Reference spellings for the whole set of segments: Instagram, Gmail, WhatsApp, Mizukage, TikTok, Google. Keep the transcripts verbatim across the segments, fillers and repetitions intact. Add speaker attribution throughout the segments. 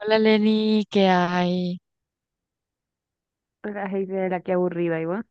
Speaker 1: Hola Lenny, ¿qué hay?
Speaker 2: La gente de la que aburrida, igual.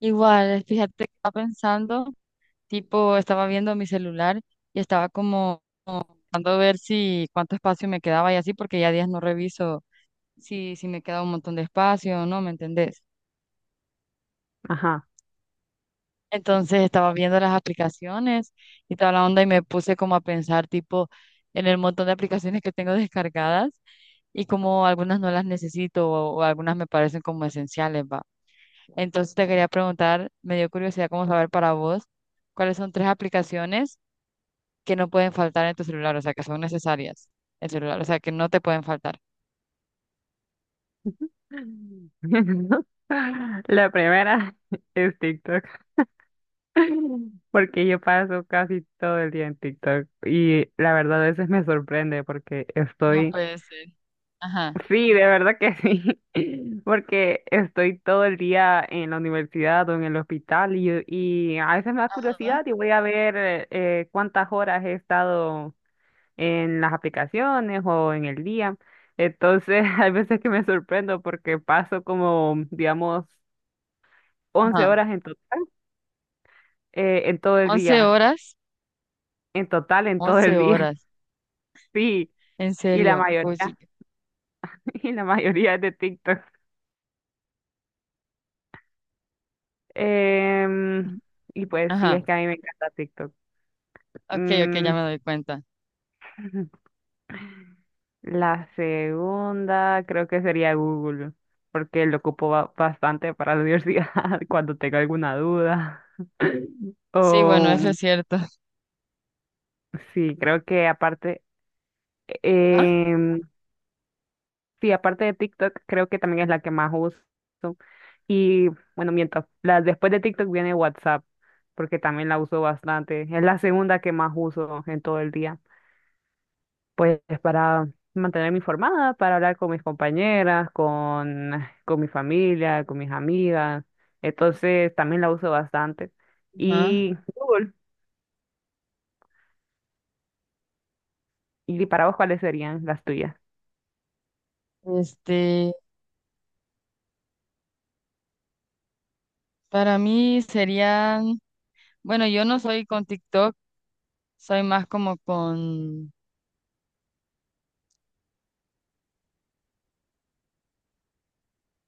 Speaker 1: Igual, fíjate que estaba pensando, tipo, estaba viendo mi celular y estaba como tratando de ver si cuánto espacio me quedaba y así, porque ya días no reviso si, si me queda un montón de espacio o no, ¿me entendés?
Speaker 2: Ajá.
Speaker 1: Entonces estaba viendo las aplicaciones y toda la onda y me puse como a pensar, tipo, en el montón de aplicaciones que tengo descargadas y como algunas no las necesito o, o algunas me parecen como esenciales, ¿va? Entonces te quería preguntar, me dio curiosidad cómo saber para vos cuáles son tres aplicaciones que no pueden faltar en tu celular, o sea, que son necesarias en celular, o sea, que no te pueden faltar.
Speaker 2: La primera es TikTok, porque yo paso casi todo el día en TikTok y la verdad a veces me sorprende porque
Speaker 1: No
Speaker 2: estoy,
Speaker 1: puede ser. Ajá.
Speaker 2: sí, de verdad que sí, porque estoy todo el día en la universidad o en el hospital y, y a veces me da
Speaker 1: Ajá.
Speaker 2: curiosidad y voy a ver eh, eh, cuántas horas he estado en las aplicaciones o en el día. Entonces, hay veces que me sorprendo porque paso como, digamos, once
Speaker 1: Ajá.
Speaker 2: horas en, to- eh, en todo el
Speaker 1: once
Speaker 2: día,
Speaker 1: horas,
Speaker 2: en total en todo
Speaker 1: once
Speaker 2: el día,
Speaker 1: horas,
Speaker 2: sí,
Speaker 1: en
Speaker 2: y la
Speaker 1: serio. Uy, sí.
Speaker 2: mayoría. Y la mayoría es de TikTok. Em, y pues sí,
Speaker 1: Ajá.
Speaker 2: es que a mí me encanta TikTok.
Speaker 1: Ok, ok,
Speaker 2: Mm,
Speaker 1: ya me doy cuenta.
Speaker 2: la segunda creo que sería Google, porque lo ocupo ba- bastante para la universidad cuando tengo alguna duda.
Speaker 1: Sí, bueno,
Speaker 2: O
Speaker 1: eso es cierto.
Speaker 2: sí, creo que aparte,
Speaker 1: ¿Ah?
Speaker 2: em, sí, aparte de TikTok, creo que también es la que más uso. Y bueno, miento, la, después de TikTok viene WhatsApp, porque también la uso bastante. Es la segunda que más uso en todo el día. Pues para mantenerme informada, para hablar con mis compañeras, con, con mi familia, con mis amigas. Entonces también la uso bastante.
Speaker 1: Ajá.
Speaker 2: Y Google, ¿y para vos cuáles serían las tuyas?
Speaker 1: Este, para mí serían, bueno, yo no soy con TikTok, soy más como con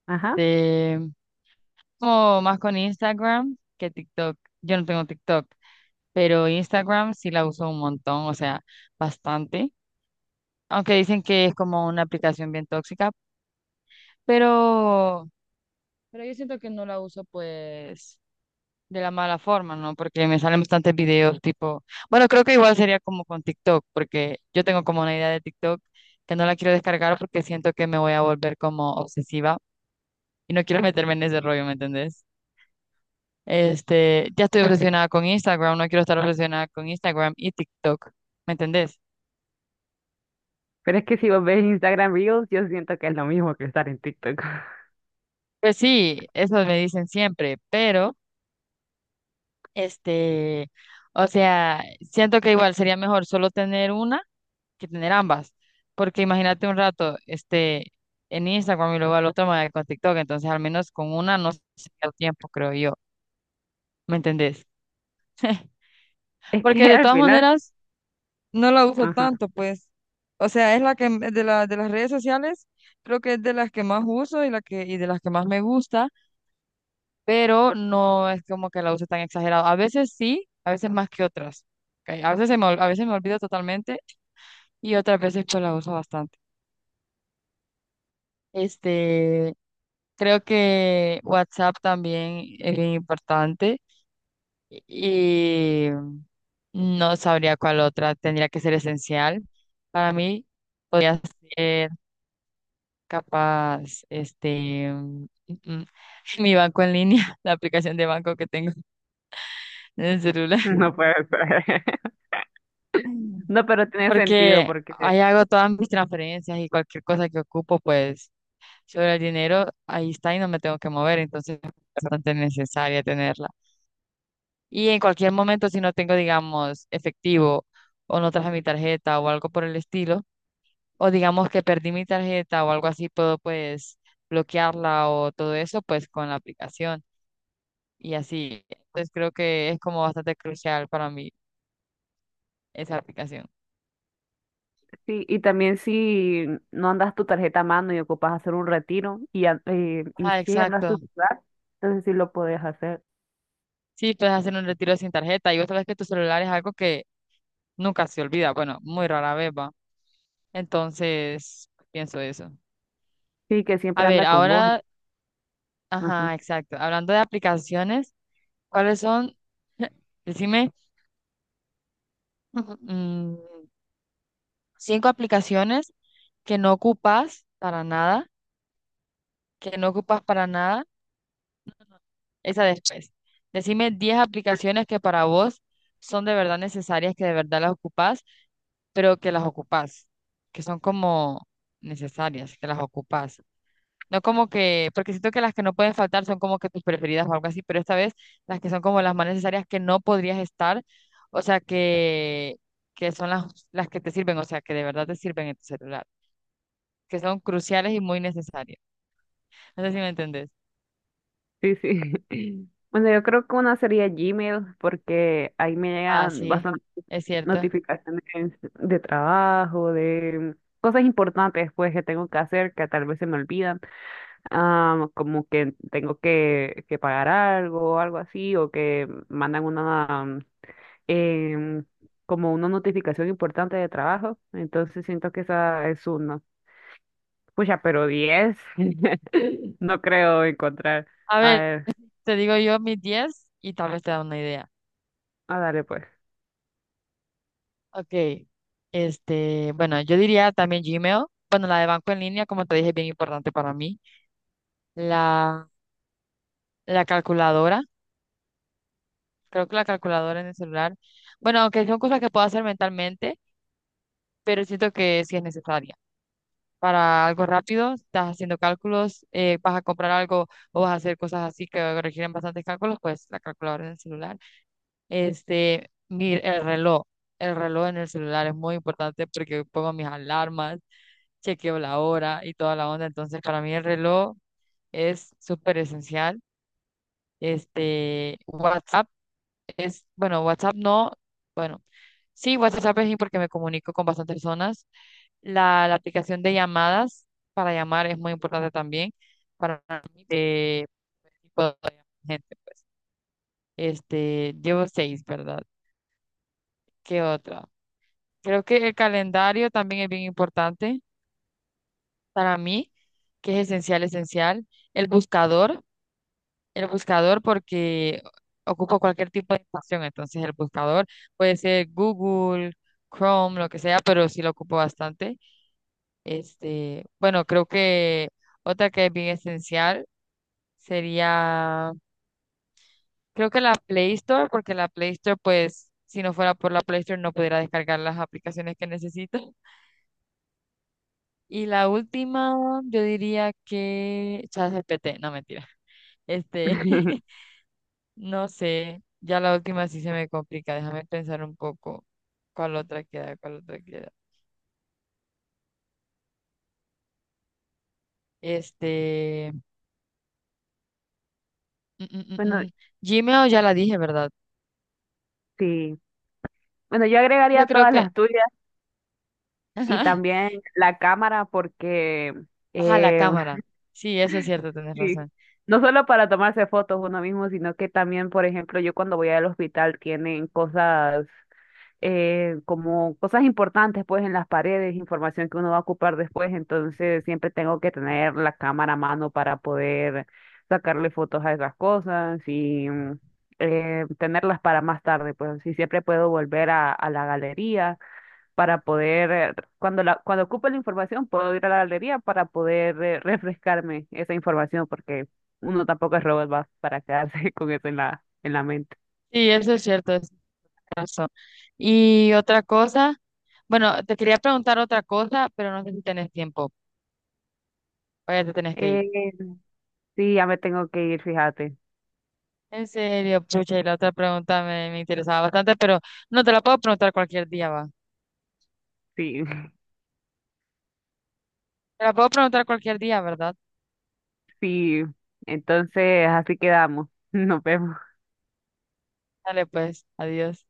Speaker 2: Ajá.
Speaker 1: este, como más con Instagram que TikTok. Yo no tengo TikTok, pero Instagram sí la uso un montón, o sea, bastante. Aunque dicen que es como una aplicación bien tóxica, pero, pero yo siento que no la uso pues de la mala forma, ¿no? Porque me salen bastantes videos tipo, bueno, creo que igual sería como con TikTok, porque yo tengo como una idea de TikTok que no la quiero descargar porque siento que me voy a volver como obsesiva y no quiero meterme en ese rollo, ¿me entendés? Este, ya estoy obsesionada con Instagram, no quiero estar obsesionada con Instagram y TikTok, ¿me entendés?
Speaker 2: Pero es que si vos ves Instagram Reels, yo siento que es lo mismo que estar en TikTok.
Speaker 1: Pues sí, eso me dicen siempre, pero este, o sea, siento que igual sería mejor solo tener una que tener ambas, porque imagínate un rato, este, en Instagram y luego al otro me con TikTok, entonces al menos con una no se pierde tiempo, creo yo, ¿me entendés?
Speaker 2: Es
Speaker 1: Porque
Speaker 2: que
Speaker 1: de
Speaker 2: al
Speaker 1: todas
Speaker 2: final,
Speaker 1: maneras no la uso
Speaker 2: ajá,
Speaker 1: tanto, pues. O sea, es la que m- de la, de las redes sociales, creo que es de las que más uso y la que y de las que más me gusta, pero no es como que la use tan exagerado. A veces sí, a veces más que otras. Ok, a veces se me, ol- a veces me olvido totalmente y otras veces pues la uso bastante. Este, creo que WhatsApp también es bien importante y no sabría cuál otra tendría que ser esencial para mí. Podría ser capaz, este, mm, mm, mi banco en línea, la aplicación de banco que tengo en el celular.
Speaker 2: no puede ser.
Speaker 1: Mm.
Speaker 2: No, pero tiene sentido
Speaker 1: Porque
Speaker 2: porque
Speaker 1: ahí hago todas mis transferencias y cualquier cosa que ocupo, pues sobre el dinero, ahí está y no me tengo que mover, entonces es bastante necesaria tenerla. Y en cualquier momento, si no tengo, digamos, efectivo o no traje mi tarjeta o algo por el estilo, o digamos que perdí mi tarjeta o algo así, puedo pues bloquearla o todo eso, pues con la aplicación. Y así. Entonces creo que es como bastante crucial para mí esa aplicación.
Speaker 2: sí, y también si no andas tu tarjeta a mano y ocupas hacer un retiro y, an- eh, y
Speaker 1: Ah,
Speaker 2: sí andas tu
Speaker 1: exacto.
Speaker 2: celular, entonces sí lo puedes hacer.
Speaker 1: Sí, puedes hacer un retiro sin tarjeta y otra vez que tu celular es algo que nunca se olvida. Bueno, muy rara vez va. Entonces, pienso eso.
Speaker 2: Sí, que
Speaker 1: A
Speaker 2: siempre
Speaker 1: ver,
Speaker 2: anda con vos.
Speaker 1: ahora,
Speaker 2: Ajá.
Speaker 1: ajá, exacto. Hablando de aplicaciones, ¿cuáles son? Decime, mm, cinco aplicaciones que no ocupas para nada, que no ocupas para nada. Esa después. Decime diez aplicaciones que para vos son de verdad necesarias, que de verdad las ocupás, pero que las ocupás, que son como necesarias, que las ocupás. No como que, porque siento que las que no pueden faltar son como que tus preferidas o algo así, pero esta vez las que son como las más necesarias que no podrías estar, o sea, que, que son las, las que te sirven, o sea, que de verdad te sirven en tu celular, que son cruciales y muy necesarias. No sé si me entendés.
Speaker 2: Sí, sí. Bueno, yo creo que una sería Gmail porque ahí me
Speaker 1: Ah,
Speaker 2: llegan
Speaker 1: sí, es cierto.
Speaker 2: notificaciones de trabajo, de cosas importantes pues que tengo que hacer que tal vez se me olvidan, ah, como que tengo que, que pagar algo o algo así, o que mandan una mm, em, como una notificación importante de trabajo, entonces siento que esa es uno. Pucha, pero diez no creo encontrar.
Speaker 1: A
Speaker 2: A
Speaker 1: ver.
Speaker 2: ver,
Speaker 1: Te digo yo mis diez y tal vez te da una idea.
Speaker 2: a darle pues.
Speaker 1: Ok, este, bueno, yo diría también Gmail. Bueno, la de banco en línea, como te dije, es bien importante para mí. La, la calculadora, creo que la calculadora en el celular. Bueno, aunque son cosas que puedo hacer mentalmente, pero siento que sí es necesaria. Para algo rápido, estás haciendo cálculos, eh, vas a comprar algo o vas a hacer cosas así que requieren bastantes cálculos, pues la calculadora en el celular. Este, mi, el reloj, el reloj en el celular es muy importante porque pongo mis alarmas, chequeo la hora y toda la onda. Entonces, para mí el reloj es súper esencial. Este, WhatsApp es, bueno, WhatsApp no, bueno, sí, WhatsApp es porque me comunico con bastantes personas. La, la aplicación de llamadas para llamar es muy importante también para mí de tipo de gente, pues. Este, llevo seis, ¿verdad? ¿Qué otra? Creo que el calendario también es bien importante para mí, que es esencial, esencial. El buscador, el buscador porque ocupo cualquier tipo de información, entonces el buscador puede ser Google, Chrome, lo que sea, pero sí lo ocupo bastante. Este, bueno, creo que otra que es bien esencial sería, creo que la Play Store, porque la Play Store, pues, si no fuera por la Play Store no pudiera descargar las aplicaciones que necesito. Y la última, yo diría que ChatGPT, no mentira. Este, no sé, ya la última sí se me complica, déjame pensar un poco cuál otra queda, cuál otra queda. Este, mm, mm, mm,
Speaker 2: Bueno,
Speaker 1: mm, Gmail ya la dije, ¿verdad?
Speaker 2: sí. Bueno, yo agregaría
Speaker 1: Yo creo
Speaker 2: todas
Speaker 1: que,
Speaker 2: las tuyas y
Speaker 1: ajá,
Speaker 2: también la cámara porque
Speaker 1: ajá, la
Speaker 2: eh,
Speaker 1: cámara. Sí, eso es cierto, tienes
Speaker 2: sí,
Speaker 1: razón.
Speaker 2: no solo para tomarse fotos uno mismo, sino que también, por ejemplo, yo cuando voy al hospital tienen cosas eh, como cosas importantes pues en las paredes, información que uno va a ocupar después, entonces siempre tengo que tener la cámara a mano para poder sacarle fotos a esas cosas y mm, eh, tenerlas para más tarde, pues así siempre puedo volver a, a la galería para poder, eh, cuando la, cuando ocupe la información, puedo ir a la galería para poder eh, refrescarme esa información, porque uno tampoco es robot va para quedarse con eso en la, en la mente.
Speaker 1: Sí, eso es cierto, es razón. Y otra cosa, bueno, te quería preguntar otra cosa, pero no sé si tenés tiempo, vaya, te tenés que ir.
Speaker 2: Eh, sí, ya me tengo que ir, fíjate.
Speaker 1: En serio, pucha, y la otra pregunta me, me interesaba bastante, pero no te la puedo preguntar cualquier día, va.
Speaker 2: Sí,
Speaker 1: Te la puedo preguntar cualquier día, ¿verdad?
Speaker 2: sí. Entonces, así quedamos. Nos vemos.
Speaker 1: Dale, pues, adiós.